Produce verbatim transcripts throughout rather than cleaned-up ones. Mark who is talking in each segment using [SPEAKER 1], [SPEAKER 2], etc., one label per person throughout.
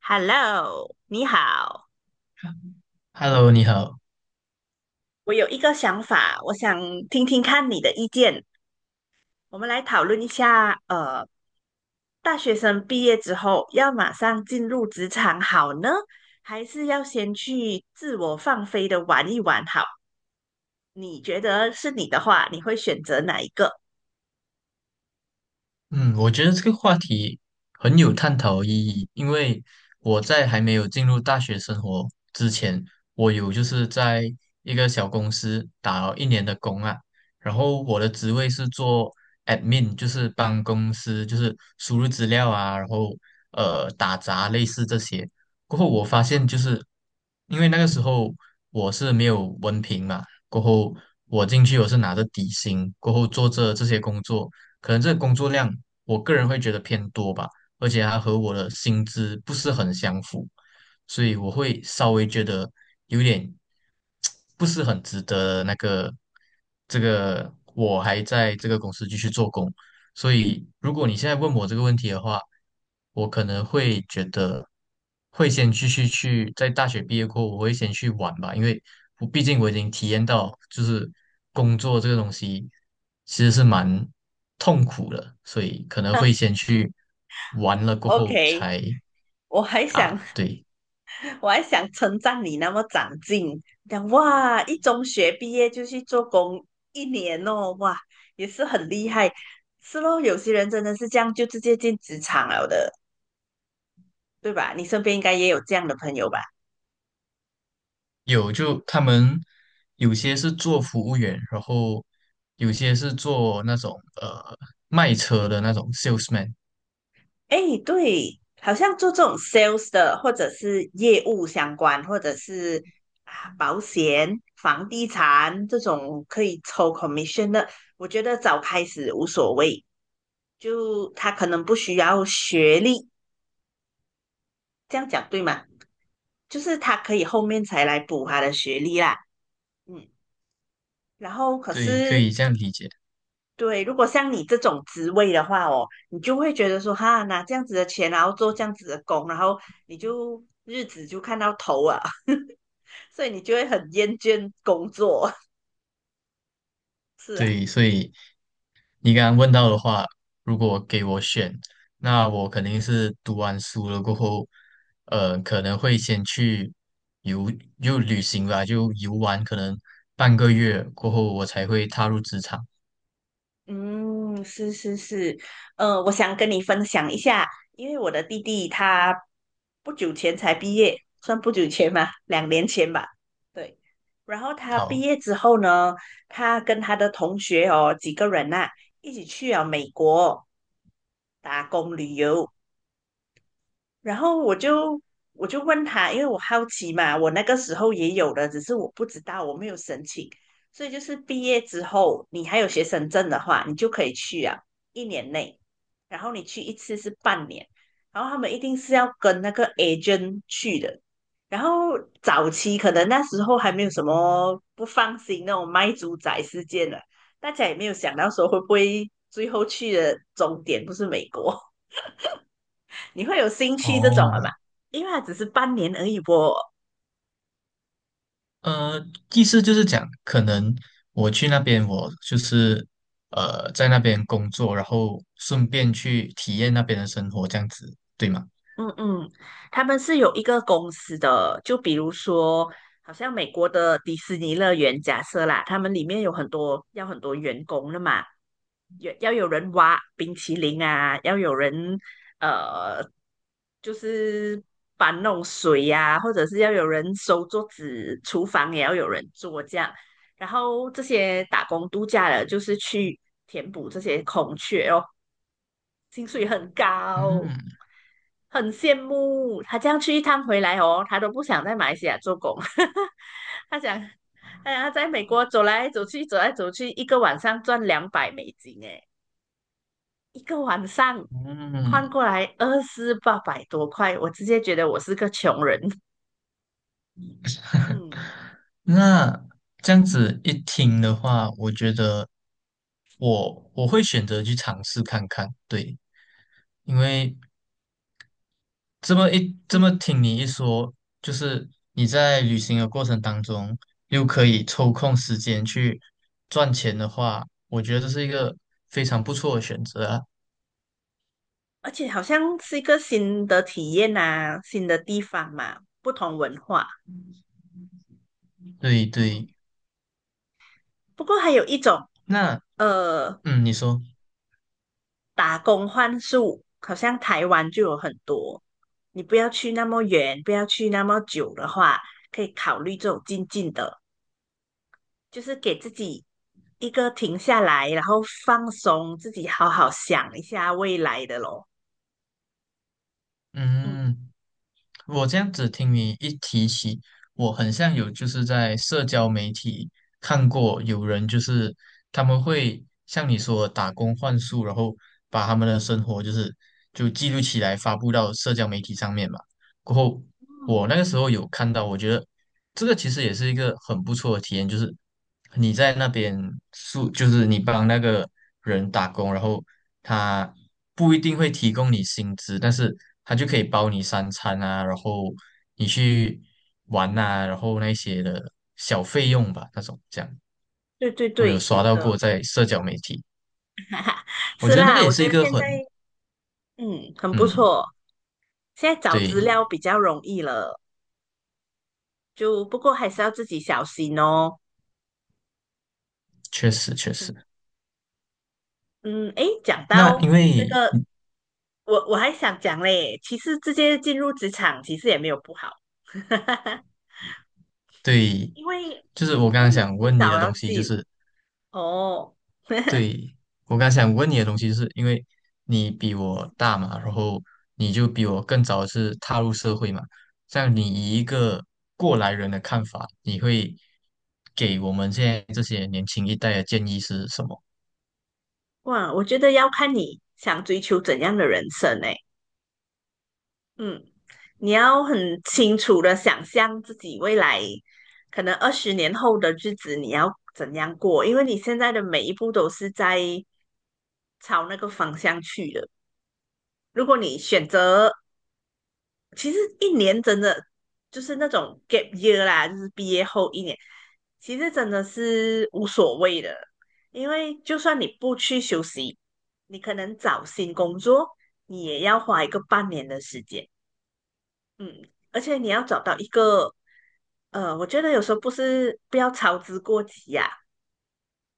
[SPEAKER 1] Hello，你好，
[SPEAKER 2] Hello，你好。
[SPEAKER 1] 我有一个想法，我想听听看你的意见。我们来讨论一下，呃，大学生毕业之后要马上进入职场好呢，还是要先去自我放飞的玩一玩好？你觉得是你的话，你会选择哪一个
[SPEAKER 2] 嗯，我觉得这个话题很有探讨意义，因为我在还没有进入大学生活之前，我有就是在一个小公司打了一年的工啊，然后我的职位是做 admin，就是帮公司就是输入资料啊，然后呃打杂类似这些。过后我发现就是因为那个时候我是没有文凭嘛，过后我进去我是拿着底薪，过后做着这些工作。可能这个工作量我个人会觉得偏多吧，而且它和我的薪资不是很相符，所以我会稍微觉得有点 不是很值得那个这个我还在这个公司继续做工，所以，如果你现在问我这个问题的话，我可能会觉得会先继续去，在大学毕业过后，我会先去玩吧，因为我毕竟我已经体验到，就是工作这个东西其实是蛮痛苦的，所以可能会先去玩了过后
[SPEAKER 1] ？OK，
[SPEAKER 2] 才
[SPEAKER 1] 我还想
[SPEAKER 2] 啊，对，
[SPEAKER 1] 我还想称赞你那么长进，讲哇，一中学毕业就去做工一年哦，哇，也是很厉害。是咯，有些人真的是这样，就直接进职场了的，对吧？你身边应该也有这样的朋友吧？
[SPEAKER 2] 有就他们有些是做服务员，然后有些是做那种呃卖车的那种 salesman。
[SPEAKER 1] 哎，对，好像做这种 sales 的，或者是业务相关，或者是啊保险、房地产这种可以抽 commission 的，我觉得早开始无所谓，就他可能不需要学历。这样讲对吗？就是他可以后面才来补他的学历啦，嗯，然后可
[SPEAKER 2] 对，可
[SPEAKER 1] 是
[SPEAKER 2] 以这样理解。
[SPEAKER 1] 对，如果像你这种职位的话哦，你就会觉得说哈，拿这样子的钱，然后做这样子的工，然后你就日子就看到头啊，所以你就会很厌倦工作，是啊。
[SPEAKER 2] 对，所以你刚刚问到的话，如果给我选，那我肯定是读完书了过后，呃，可能会先去游，就旅行吧，就游玩，可能半个月过后，我才会踏入职场。
[SPEAKER 1] 嗯，是是是，呃，我想跟你分享一下，因为我的弟弟他不久前才毕业，算不久前吧，两年前吧，对。然后他毕
[SPEAKER 2] 好，
[SPEAKER 1] 业之后呢，他跟他的同学哦几个人呐、一起去了美国打工旅游，然后我就我就问他，因为我好奇嘛，我那个时候也有的，只是我不知道，我没有申请。所以就是毕业之后，你还有学生证的话，你就可以去啊，一年内。然后你去一次是半年，然后他们一定是要跟那个 agent 去的。然后早期可能那时候还没有什么不放心那种卖猪仔事件了，大家也没有想到说会不会最后去的终点不是美国。你会有兴趣这种了
[SPEAKER 2] 哦，
[SPEAKER 1] 吧？因为它只是半年而已啵。
[SPEAKER 2] 呃，意思就是讲，可能我去那边，我就是呃，在那边工作，然后顺便去体验那边的生活，这样子，对吗？
[SPEAKER 1] 嗯嗯，他们是有一个公司的，就比如说，好像美国的迪士尼乐园，假设啦，他们里面有很多要很多员工的嘛，有要有人挖冰淇淋啊，要有人呃，就是搬弄水呀、或者是要有人收桌子，厨房也要有人做这样。然后这些打工度假的，就是去填补这些空缺，哦。薪水很高，
[SPEAKER 2] 嗯
[SPEAKER 1] 很羡慕。他这样去一趟回来哦，他都不想在马来西亚做工，他想，哎呀，他在美国走来走去，走来走去，一个晚上赚两百美金，哎，一个晚上换
[SPEAKER 2] 嗯，
[SPEAKER 1] 过来二四八百多块，我直接觉得我是个穷人，嗯
[SPEAKER 2] 那这样子一听的话，我觉得我我会选择去尝试看看，对，因为这么一这么
[SPEAKER 1] 嗯，
[SPEAKER 2] 听你一说，就是你在旅行的过程当中又可以抽空时间去赚钱的话，我觉得这是一个非常不错的选择啊。
[SPEAKER 1] 而且好像是一个新的体验呐、新的地方嘛，不同文化，
[SPEAKER 2] 对对，
[SPEAKER 1] 嗯，不过还有一种。
[SPEAKER 2] 那
[SPEAKER 1] 呃，
[SPEAKER 2] 嗯，你说，
[SPEAKER 1] 打工换宿，好像台湾就有很多。你不要去那么远，不要去那么久的话，可以考虑这种近近的，就是给自己一个停下来，然后放松自己，好好想一下未来的咯。嗯
[SPEAKER 2] 嗯。我这样子听你一提起，我很像有就是在社交媒体看过有人就是他们会像你说的打工换宿，然后把他们的生活就是就记录起来发布到社交媒体上面嘛。过后
[SPEAKER 1] 嗯，
[SPEAKER 2] 我那个时候有看到，我觉得这个其实也是一个很不错的体验，就是你在那边住，就是你帮那个人打工，然后他不一定会提供你薪资，但是他就可以包你三餐啊，然后你去玩啊，然后那些的小费用吧，那种这样，
[SPEAKER 1] 对对
[SPEAKER 2] 我有
[SPEAKER 1] 对，
[SPEAKER 2] 刷
[SPEAKER 1] 有
[SPEAKER 2] 到
[SPEAKER 1] 的
[SPEAKER 2] 过在社交媒体，我
[SPEAKER 1] 是
[SPEAKER 2] 觉得那个
[SPEAKER 1] 啦，
[SPEAKER 2] 也
[SPEAKER 1] 我
[SPEAKER 2] 是
[SPEAKER 1] 觉
[SPEAKER 2] 一
[SPEAKER 1] 得
[SPEAKER 2] 个
[SPEAKER 1] 现
[SPEAKER 2] 很，
[SPEAKER 1] 在嗯很不
[SPEAKER 2] 嗯，
[SPEAKER 1] 错，现在找资
[SPEAKER 2] 对，
[SPEAKER 1] 料比较容易了，就不过还是要自己小心哦。
[SPEAKER 2] 确实确实。
[SPEAKER 1] 嗯嗯，诶，讲
[SPEAKER 2] 那
[SPEAKER 1] 到
[SPEAKER 2] 因
[SPEAKER 1] 这
[SPEAKER 2] 为
[SPEAKER 1] 个我我还想讲嘞，其实直接进入职场其实也没有不好，
[SPEAKER 2] 对，
[SPEAKER 1] 因为因
[SPEAKER 2] 就是我刚刚
[SPEAKER 1] 为你
[SPEAKER 2] 想
[SPEAKER 1] 迟
[SPEAKER 2] 问你
[SPEAKER 1] 早
[SPEAKER 2] 的
[SPEAKER 1] 要
[SPEAKER 2] 东西，就
[SPEAKER 1] 进
[SPEAKER 2] 是
[SPEAKER 1] 哦。
[SPEAKER 2] 对，我刚想问你的东西，是因为你比我大嘛，然后你就比我更早是踏入社会嘛。像你以一个过来人的看法，你会给我们现在这些年轻一代的建议是什么？
[SPEAKER 1] 哇，我觉得要看你想追求怎样的人生诶。嗯，你要很清楚的想象自己未来可能二十年后的日子你要怎样过，因为你现在的每一步都是在朝那个方向去的。如果你选择其实一年真的就是那种 gap year 啦，就是毕业后一年，其实真的是无所谓的，因为就算你不去休息，你可能找新工作，你也要花一个半年的时间，嗯，而且你要找到一个，呃，我觉得有时候不是不要操之过急呀、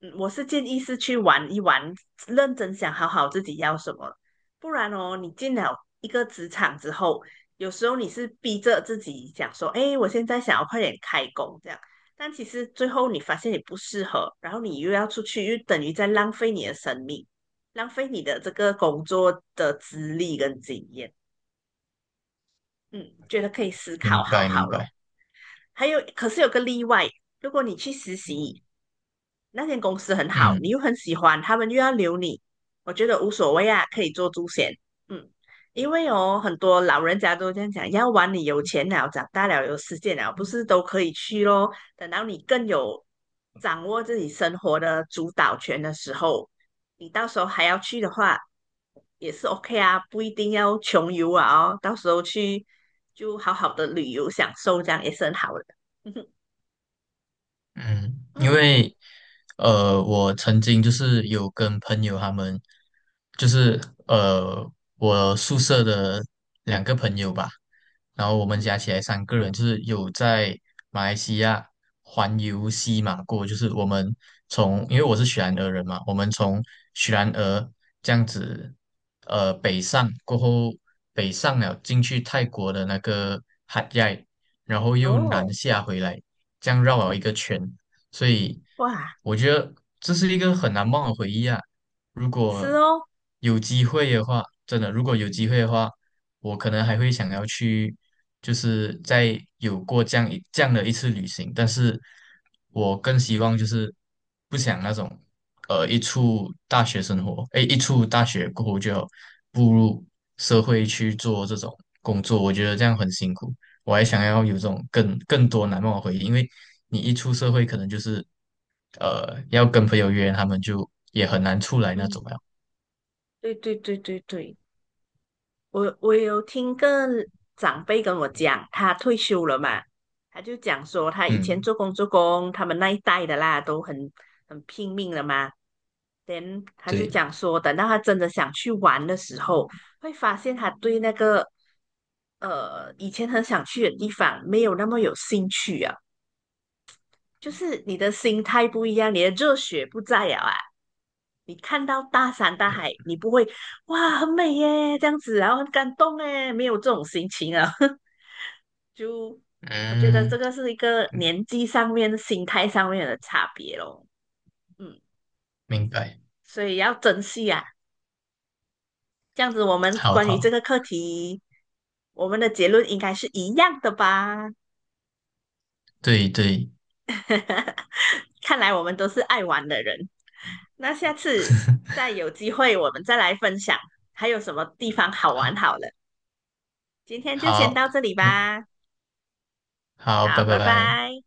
[SPEAKER 1] 嗯我是建议是去玩一玩，认真想好好自己要什么，不然哦，你进了一个职场之后，有时候你是逼着自己想说，哎，我现在想要快点开工这样，但其实最后你发现你不适合，然后你又要出去，又等于在浪费你的生命，浪费你的这个工作的资历跟经验。嗯，觉得可以思考
[SPEAKER 2] 明
[SPEAKER 1] 好
[SPEAKER 2] 白，
[SPEAKER 1] 好
[SPEAKER 2] 明
[SPEAKER 1] 咯。
[SPEAKER 2] 白。
[SPEAKER 1] 还有，可是有个例外，如果你去实习，那间公司很好，你
[SPEAKER 2] 嗯。
[SPEAKER 1] 又很喜欢，他们又要留你，我觉得无所谓啊，可以做猪险。嗯，因为哦，很多老人家都这样讲，要玩你有钱了，长大了有时间了，不是都可以去咯？等到你更有掌握自己生活的主导权的时候，你到时候还要去的话，也是 OK 啊，不一定要穷游啊哦，到时候去就好好的旅游享受，这样也是很好的。
[SPEAKER 2] 嗯，因
[SPEAKER 1] 嗯
[SPEAKER 2] 为呃，我曾经就是有跟朋友他们，就是呃，我宿舍的两个朋友吧，然后我们
[SPEAKER 1] 嗯，
[SPEAKER 2] 加起来三个人，就是有在马来西亚环游西马过，就是我们从，因为我是雪兰莪人嘛，我们从雪兰莪这样子呃北上过后，北上了进去泰国的那个海亚，然后又
[SPEAKER 1] 哦，
[SPEAKER 2] 南下回来，这样绕了一个圈。所以
[SPEAKER 1] 哇，
[SPEAKER 2] 我觉得这是一个很难忘的回忆啊。如
[SPEAKER 1] 是
[SPEAKER 2] 果
[SPEAKER 1] 哦。
[SPEAKER 2] 有机会的话，真的，如果有机会的话，我可能还会想要去，就是再有过这样一这样的一次旅行，但是我更希望就是不想那种，呃，一出大学生活，哎，一出大学过后就要步入社会去做这种工作，我觉得这样很辛苦。我还想要有这种更更多难忘的回忆，因为你一出社会，可能就是呃要跟朋友约，他们就也很难出来那种
[SPEAKER 1] 嗯，
[SPEAKER 2] 了。
[SPEAKER 1] 对对对对对，我我有听个长辈跟我讲，他退休了嘛，他就讲说他以前
[SPEAKER 2] 嗯，
[SPEAKER 1] 做工做工，他们那一代的啦都很很拼命了嘛等他就
[SPEAKER 2] 对，
[SPEAKER 1] 讲说，等到他真的想去玩的时候，会发现他对那个呃以前很想去的地方没有那么有兴趣啊。就是你的心态不一样，你的热血不在了啊。你看到大山大海，你不会哇很美耶这样子，然后很感动耶，没有这种心情啊。就我觉得这
[SPEAKER 2] 嗯，
[SPEAKER 1] 个是一个年纪上面、心态上面的差别咯。嗯，
[SPEAKER 2] 明白，
[SPEAKER 1] 所以要珍惜啊。这样子，我们
[SPEAKER 2] 好
[SPEAKER 1] 关于这
[SPEAKER 2] 好，
[SPEAKER 1] 个课题，我们的结论应该是一样的吧？
[SPEAKER 2] 对对，
[SPEAKER 1] 哈哈，看来我们都是爱玩的人。那下次再有机会，我们再来分享还有什么地方好玩
[SPEAKER 2] 好，
[SPEAKER 1] 好了。今天就先
[SPEAKER 2] 好，
[SPEAKER 1] 到这里
[SPEAKER 2] 那
[SPEAKER 1] 吧，
[SPEAKER 2] 好，
[SPEAKER 1] 好，
[SPEAKER 2] 拜拜
[SPEAKER 1] 拜
[SPEAKER 2] 拜。
[SPEAKER 1] 拜。